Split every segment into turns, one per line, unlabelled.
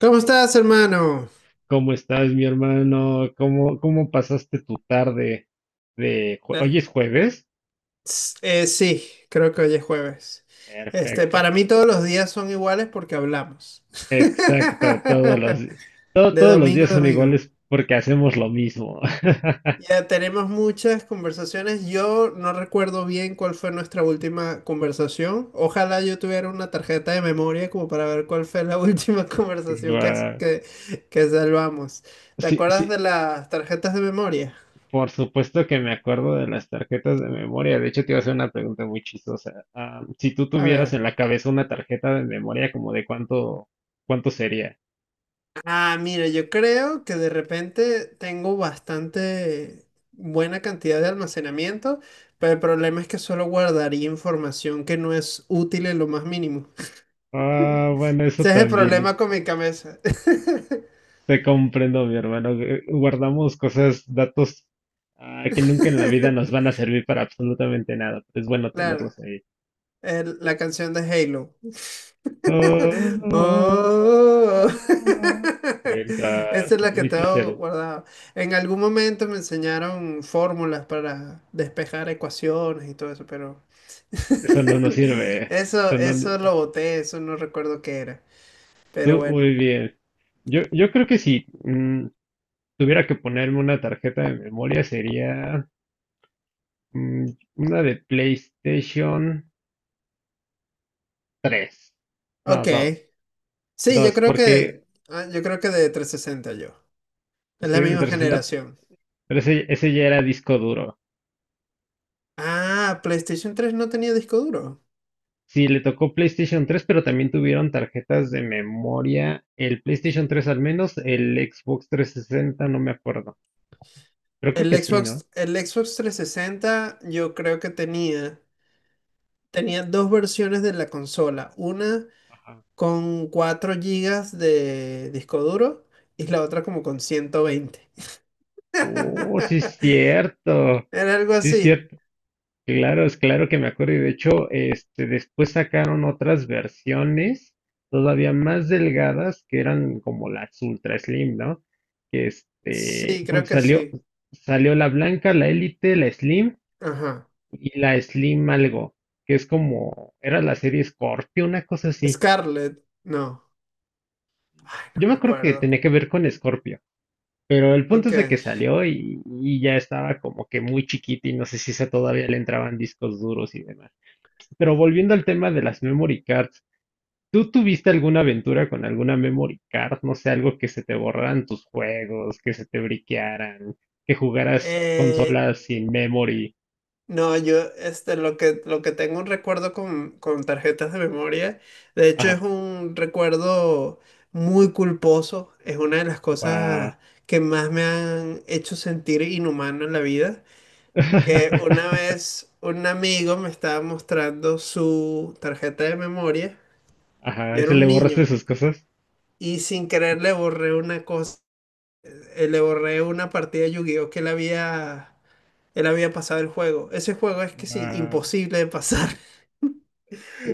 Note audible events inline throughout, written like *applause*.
¿Cómo estás, hermano?
¿Cómo estás, mi hermano? ¿Cómo pasaste tu tarde
Eh,
hoy es jueves?
sí, creo que hoy es jueves. Este, para
Perfecto.
mí todos los días son iguales porque hablamos.
Exacto,
*laughs* De
todos los
domingo
días
a
son
domingo.
iguales porque hacemos lo mismo. *laughs*
Ya tenemos muchas conversaciones. Yo no recuerdo bien cuál fue nuestra última conversación. Ojalá yo tuviera una tarjeta de memoria como para ver cuál fue la *laughs* última conversación que,
Guau.
que, que salvamos. ¿Te
Sí,
acuerdas
sí,
de las tarjetas de memoria?
por supuesto que me acuerdo de las tarjetas de memoria. De hecho, te iba a hacer una pregunta muy chistosa. Ah, si tú
A
tuvieras
ver.
en la cabeza una tarjeta de memoria, ¿como de cuánto sería?
Ah, mira, yo creo que de repente tengo bastante buena cantidad de almacenamiento, pero el problema es que solo guardaría información que no es útil en lo más mínimo.
Ah, bueno, eso
Ese es el problema
también.
con mi cabeza.
Te comprendo, mi hermano. Guardamos cosas, datos que nunca en la vida nos
*laughs*
van a servir para absolutamente nada. Es bueno
Claro,
tenerlos ahí.
la canción de Halo. *laughs*
Ah,
Oh, *laughs* esa
Mientras,
es la que
viste
tengo
cero.
guardada. En algún momento me enseñaron fórmulas para despejar ecuaciones y todo eso, pero...
Eso no nos
*laughs*
sirve, ¿eh?
Eso,
Eso no, no-
eso lo boté, eso no recuerdo qué era. Pero
Tú,
bueno.
muy bien. Yo creo que si tuviera que ponerme una tarjeta de memoria, sería mm, una de PlayStation tres. No,
Ok.
dos.
Sí, yo
Dos,
creo
porque
que. ah, Yo creo que de 360 yo. Es
sí,
la
de
misma
360.
generación.
Pero ese ya era disco duro.
Ah, PlayStation 3 no tenía disco duro.
Sí, le tocó PlayStation 3, pero también tuvieron tarjetas de memoria. El PlayStation 3 al menos; el Xbox 360, no me acuerdo. Pero creo
El
que sí, ¿no?
Xbox, el Xbox 360 yo creo que tenía. Tenía dos versiones de la consola. Una
Ajá.
con 4 gigas de disco duro y la otra como con 120.
Oh, sí es
*laughs*
cierto.
Era algo
Sí es
así.
cierto. Claro, es claro que me acuerdo. Y de hecho, este, después sacaron otras versiones todavía más delgadas que eran como las Ultra Slim, ¿no? Que este,
Sí,
porque
creo que
salió,
sí.
salió la blanca, la Elite, la Slim
Ajá.
y la Slim algo, que es como, era la serie Scorpio, una cosa así.
Scarlett. No. Ay, no
Yo me
me
acuerdo que
acuerdo.
tenía que ver con Scorpio, pero el punto
Ok.
es de que salió y ya estaba como que muy chiquita y no sé si esa todavía le entraban discos duros y demás. Pero volviendo al tema de las memory cards, ¿tú tuviste alguna aventura con alguna memory card? No sé, algo que se te borraran tus juegos, que se te briquearan, que jugaras
Eh,
consolas sin memory.
no, yo este, lo que tengo un recuerdo con, tarjetas de memoria, de hecho es
Ajá,
un recuerdo muy culposo, es una de las
guau.
cosas que más me han hecho sentir inhumano en la vida, que una
*laughs*
vez un amigo me estaba mostrando su tarjeta de memoria, yo
Ajá,
era
¿se le
un
borraste
niño
sus cosas?
y sin querer le borré una cosa, le borré una partida de Yu-Gi-Oh! Que él había pasado el juego. Ese juego es que sí,
Ah,
imposible de pasar. *laughs*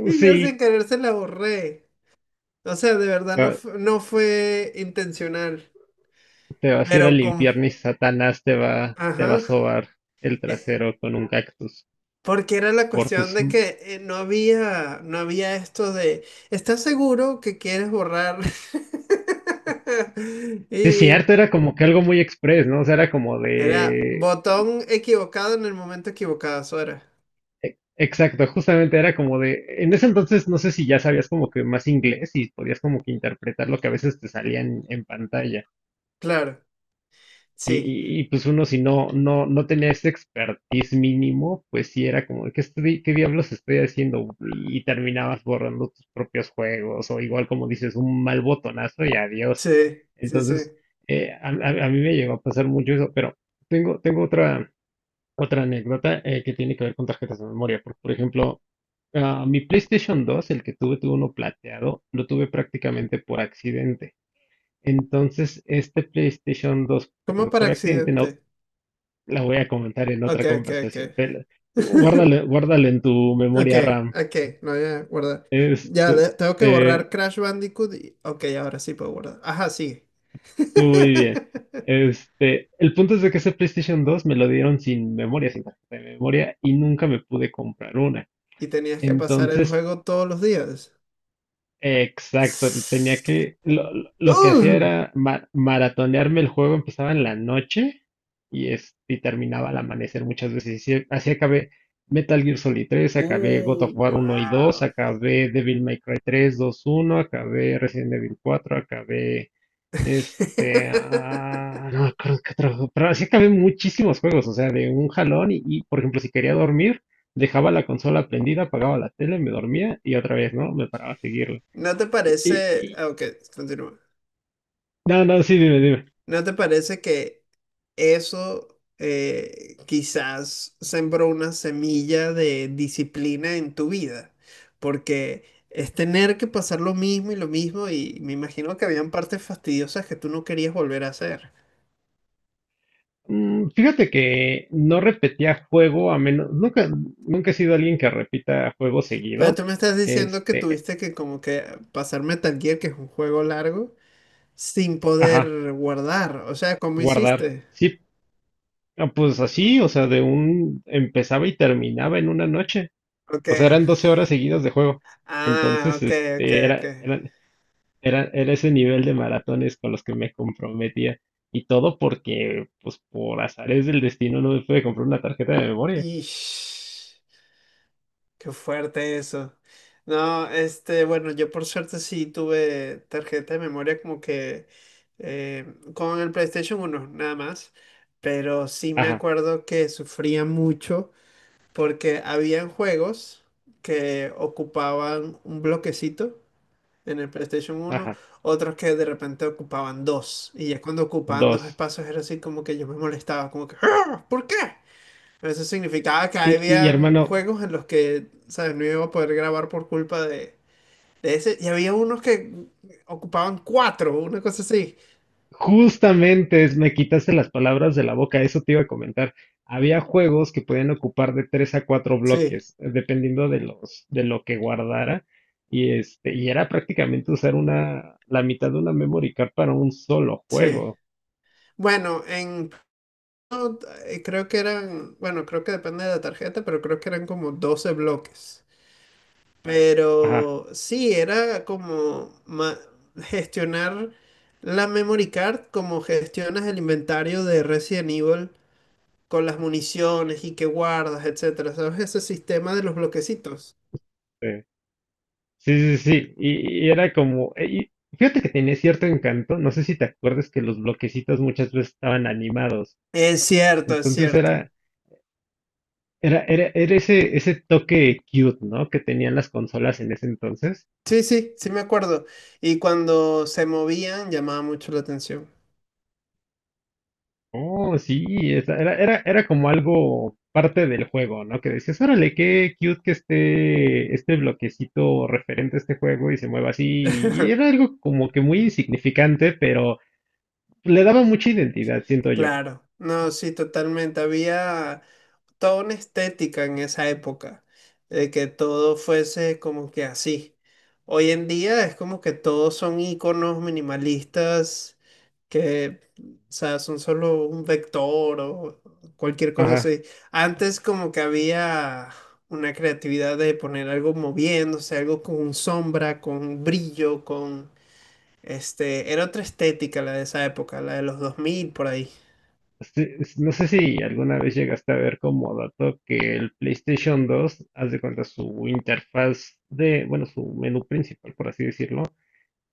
Y yo sin
sí,
querer se la borré. O sea, de verdad no,
va-
no fue intencional.
te vas a ir al
Pero con...
infierno y Satanás te va a
Ajá.
sobar el
Eh,
trasero con un cactus
Porque era la
por tus...
cuestión
Sí,
de que no había esto de: ¿estás seguro que quieres borrar? *laughs*
es
Y
cierto, era como que algo muy express, ¿no? O sea, era como
era
de...
botón equivocado en el momento equivocado, Sora.
Exacto, justamente era como de... En ese entonces no sé si ya sabías como que más inglés y podías como que interpretar lo que a veces te salía en pantalla.
Claro,
Y,
sí.
y- y, pues uno si no tenía ese expertise mínimo, pues sí era como, ¿qué, qué diablos estoy haciendo? Y terminabas borrando tus propios juegos o, igual como dices, un mal botonazo y adiós.
Sí, sí, sí.
Entonces, a mí me llegó a pasar mucho eso, pero tengo otra anécdota que tiene que ver con tarjetas de memoria. Porque, por ejemplo, mi PlayStation dos, el que tuve uno plateado, lo tuve prácticamente por accidente. Entonces, este PlayStation dos que tuve
¿Cómo para
por accidente, no,
accidente?
la voy a comentar en
Ok,
otra
ok, ok.
conversación.
*laughs*
Guárdale guárdalo en tu
Ok,
memoria RAM.
ok, no voy a guardar. Ya,
Este,
tengo que
eh,
borrar Crash Bandicoot. Ok, ahora sí puedo guardar. Ajá, sí.
muy bien.
*laughs*
Este, el punto es de que ese PlayStation 2 me lo dieron sin memoria, sin tarjeta de memoria, y nunca me pude comprar una.
Y tenías que pasar el
Entonces.
juego todos los días.
Exacto, tenía que,
*sighs*
lo que hacía
¡Ugh!
era maratonearme el juego, empezaba en la noche y terminaba al amanecer muchas veces. Y sí, así acabé Metal Gear Solid tres, acabé God
Uh,
of War uno y dos,
wow.
acabé Devil May Cry tres dos uno, acabé Resident Evil cuatro, acabé este,
*laughs*
no me acuerdo qué otro juego, pero así acabé muchísimos juegos, o sea, de un jalón y, por ejemplo, si quería dormir, dejaba la consola prendida, apagaba la tele, me dormía y otra vez, ¿no? Me paraba a seguirle.
¿No te
Y,
parece?
y-
Ok, continúa.
no, no, sí, dime, dime.
¿No te parece que eso quizás sembró una semilla de disciplina en tu vida, porque es tener que pasar lo mismo y me imagino que habían partes fastidiosas que tú no querías volver a hacer?
Fíjate que no repetía juego. A menos, nunca he sido alguien que repita juego
Pero
seguido.
tú me estás diciendo que
Este,
tuviste que como que pasar Metal Gear, que es un juego largo, sin
ajá,
poder guardar. O sea, ¿cómo
guardar.
hiciste?
Sí, pues así, o sea, empezaba y terminaba en una noche.
Ok.
O sea, eran 12 horas seguidas de juego.
Ah,
Entonces,
ok, ok,
este,
ok.
era ese nivel de maratones con los que me comprometía. Y todo porque, pues, por azares del destino no me pude comprar una tarjeta de memoria.
Ish. Qué fuerte eso. No, este, bueno, yo por suerte sí tuve tarjeta de memoria como que eh, con el PlayStation 1 nada más. Pero sí me
Ajá,
acuerdo que sufría mucho porque habían juegos que ocupaban un bloquecito en el PlayStation 1,
ajá.
otros que de repente ocupaban dos. Y ya cuando ocupaban dos
Dos.
espacios era así como que yo me molestaba, como que: "¡Ah! ¿Por qué?". Pero eso significaba que
Y,
habían
hermano,
juegos en los que, ¿sabes?, no iba a poder grabar por culpa de ese. Y había unos que ocupaban cuatro, una cosa así.
justamente me quitaste las palabras de la boca, eso te iba a comentar. Había juegos que podían ocupar de tres a cuatro
Sí,
bloques, dependiendo de de lo que guardara. Y este, y era prácticamente usar la mitad de una memory card para un solo
sí.
juego.
Bueno, en... no, Creo que eran, bueno, creo que depende de la tarjeta, pero creo que eran como 12 bloques.
Ajá,
Pero sí, era como gestionar la memory card como gestionas el inventario de Resident Evil con las municiones y que guardas, etcétera, ¿sabes? Ese sistema de los bloquecitos.
sí. Sí, sí, sí. Y, era como, y fíjate que tenía cierto encanto. No sé si te acuerdas que los bloquecitos muchas veces estaban animados.
Es cierto, es
Entonces
cierto.
era, era ese, toque cute, ¿no? Que tenían las consolas en ese entonces.
Sí, sí, sí me acuerdo. Y cuando se movían llamaba mucho la atención.
Oh, sí, era como algo parte del juego, ¿no? Que decías, órale, qué cute que esté este bloquecito referente a este juego y se mueva así. Y era algo como que muy insignificante, pero le daba mucha identidad, siento yo.
Claro, no, sí, totalmente. Había... toda una estética en esa época, de que todo fuese como que así. Hoy en día es como que todos son iconos minimalistas que, o sea, son solo un vector o cualquier cosa
Ajá.
así. Antes como que había una creatividad de poner algo moviéndose, algo con sombra, con brillo, con... Este, era otra estética la de esa época, la de los 2000 por ahí.
Sí, no sé si alguna vez llegaste a ver como dato que el PlayStation 2, haz de cuenta, su interfaz de, bueno, su menú principal, por así decirlo.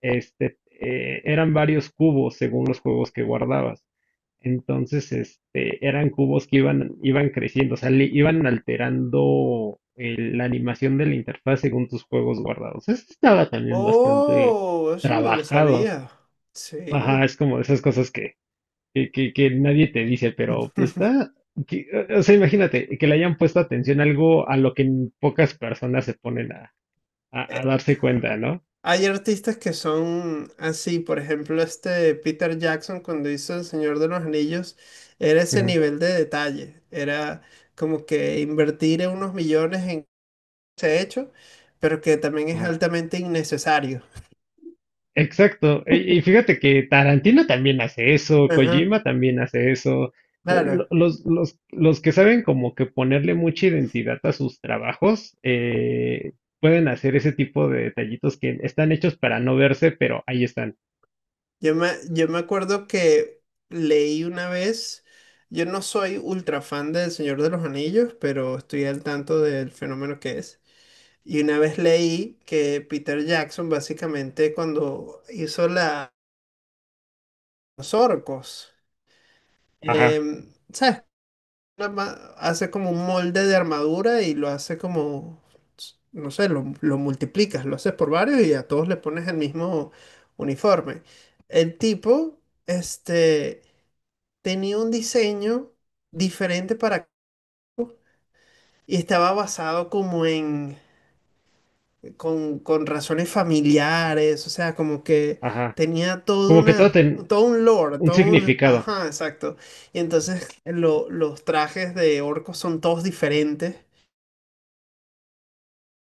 Este, eran varios cubos según los juegos que guardabas. Entonces, este, eran cubos que iban creciendo, o sea, le iban alterando la animación de la interfaz según tus juegos guardados. Eso estaba también bastante
Oh, eso no lo
trabajado.
sabía.
Ajá,
Sí.
es como de esas cosas que nadie te dice, pero
*laughs*
está, que- o sea, imagínate que le hayan puesto atención a algo a lo que pocas personas se ponen a
Eh,
darse cuenta, ¿no?
Hay artistas que son así, por ejemplo, este Peter Jackson, cuando hizo El Señor de los Anillos, era ese
Ujú,
nivel de detalle, era como que invertir unos millones en ese hecho, pero que también es
ajá.
altamente innecesario.
Exacto. Y, fíjate que Tarantino también hace eso,
Ajá,
Kojima también hace eso. Lo-
claro.
Los, los, los que saben como que ponerle mucha identidad a sus trabajos, pueden hacer ese tipo de detallitos que están hechos para no verse, pero ahí están.
Yo me acuerdo que leí una vez, yo no soy ultra fan del Señor de los Anillos, pero estoy al tanto del fenómeno que es. Y una vez leí que Peter Jackson básicamente cuando hizo la, los orcos,
Ajá,
¿sabes? Hace como un molde de armadura y lo hace como, no sé, lo multiplicas, lo haces por varios y a todos le pones el mismo uniforme. El tipo, este... tenía un diseño diferente para... Y estaba basado como en... con razones familiares, o sea, como que
ajá.
tenía todo
Como que todo
una...
tiene
Todo un lore,
un
todo un...
significado.
Ajá, exacto. Y entonces los trajes de orcos son todos diferentes.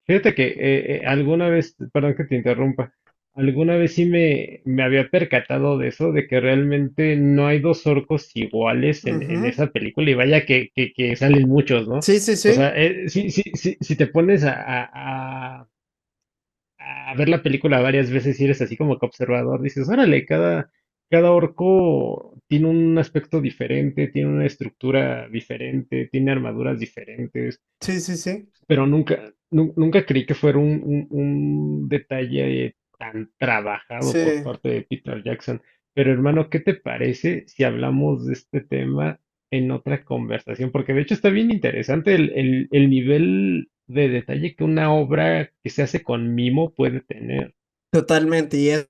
Fíjate que alguna vez, perdón que te interrumpa, alguna vez sí me había percatado de eso, de que realmente no hay dos orcos iguales en
Ujú.
esa película, y vaya que salen muchos, ¿no?
Sí, sí,
O
sí.
sea, sí, sí, sí, si te pones a ver la película varias veces y eres así como que observador, dices, órale, cada orco tiene un aspecto diferente, tiene una estructura diferente, tiene armaduras diferentes.
Sí, sí, sí.
Pero nunca creí que fuera un detalle tan trabajado por
Sí,
parte de Peter Jackson. Pero hermano, ¿qué te parece si hablamos de este tema en otra conversación? Porque de hecho está bien interesante el nivel de detalle que una obra que se hace con mimo puede tener.
totalmente. Y es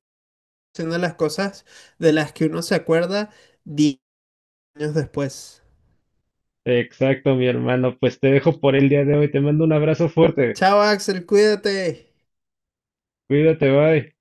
una de las cosas de las que uno se acuerda 10 años después.
Exacto, mi hermano. Pues te dejo por el día de hoy. Te mando un abrazo fuerte.
Chao, Axel, cuídate.
Cuídate, bye.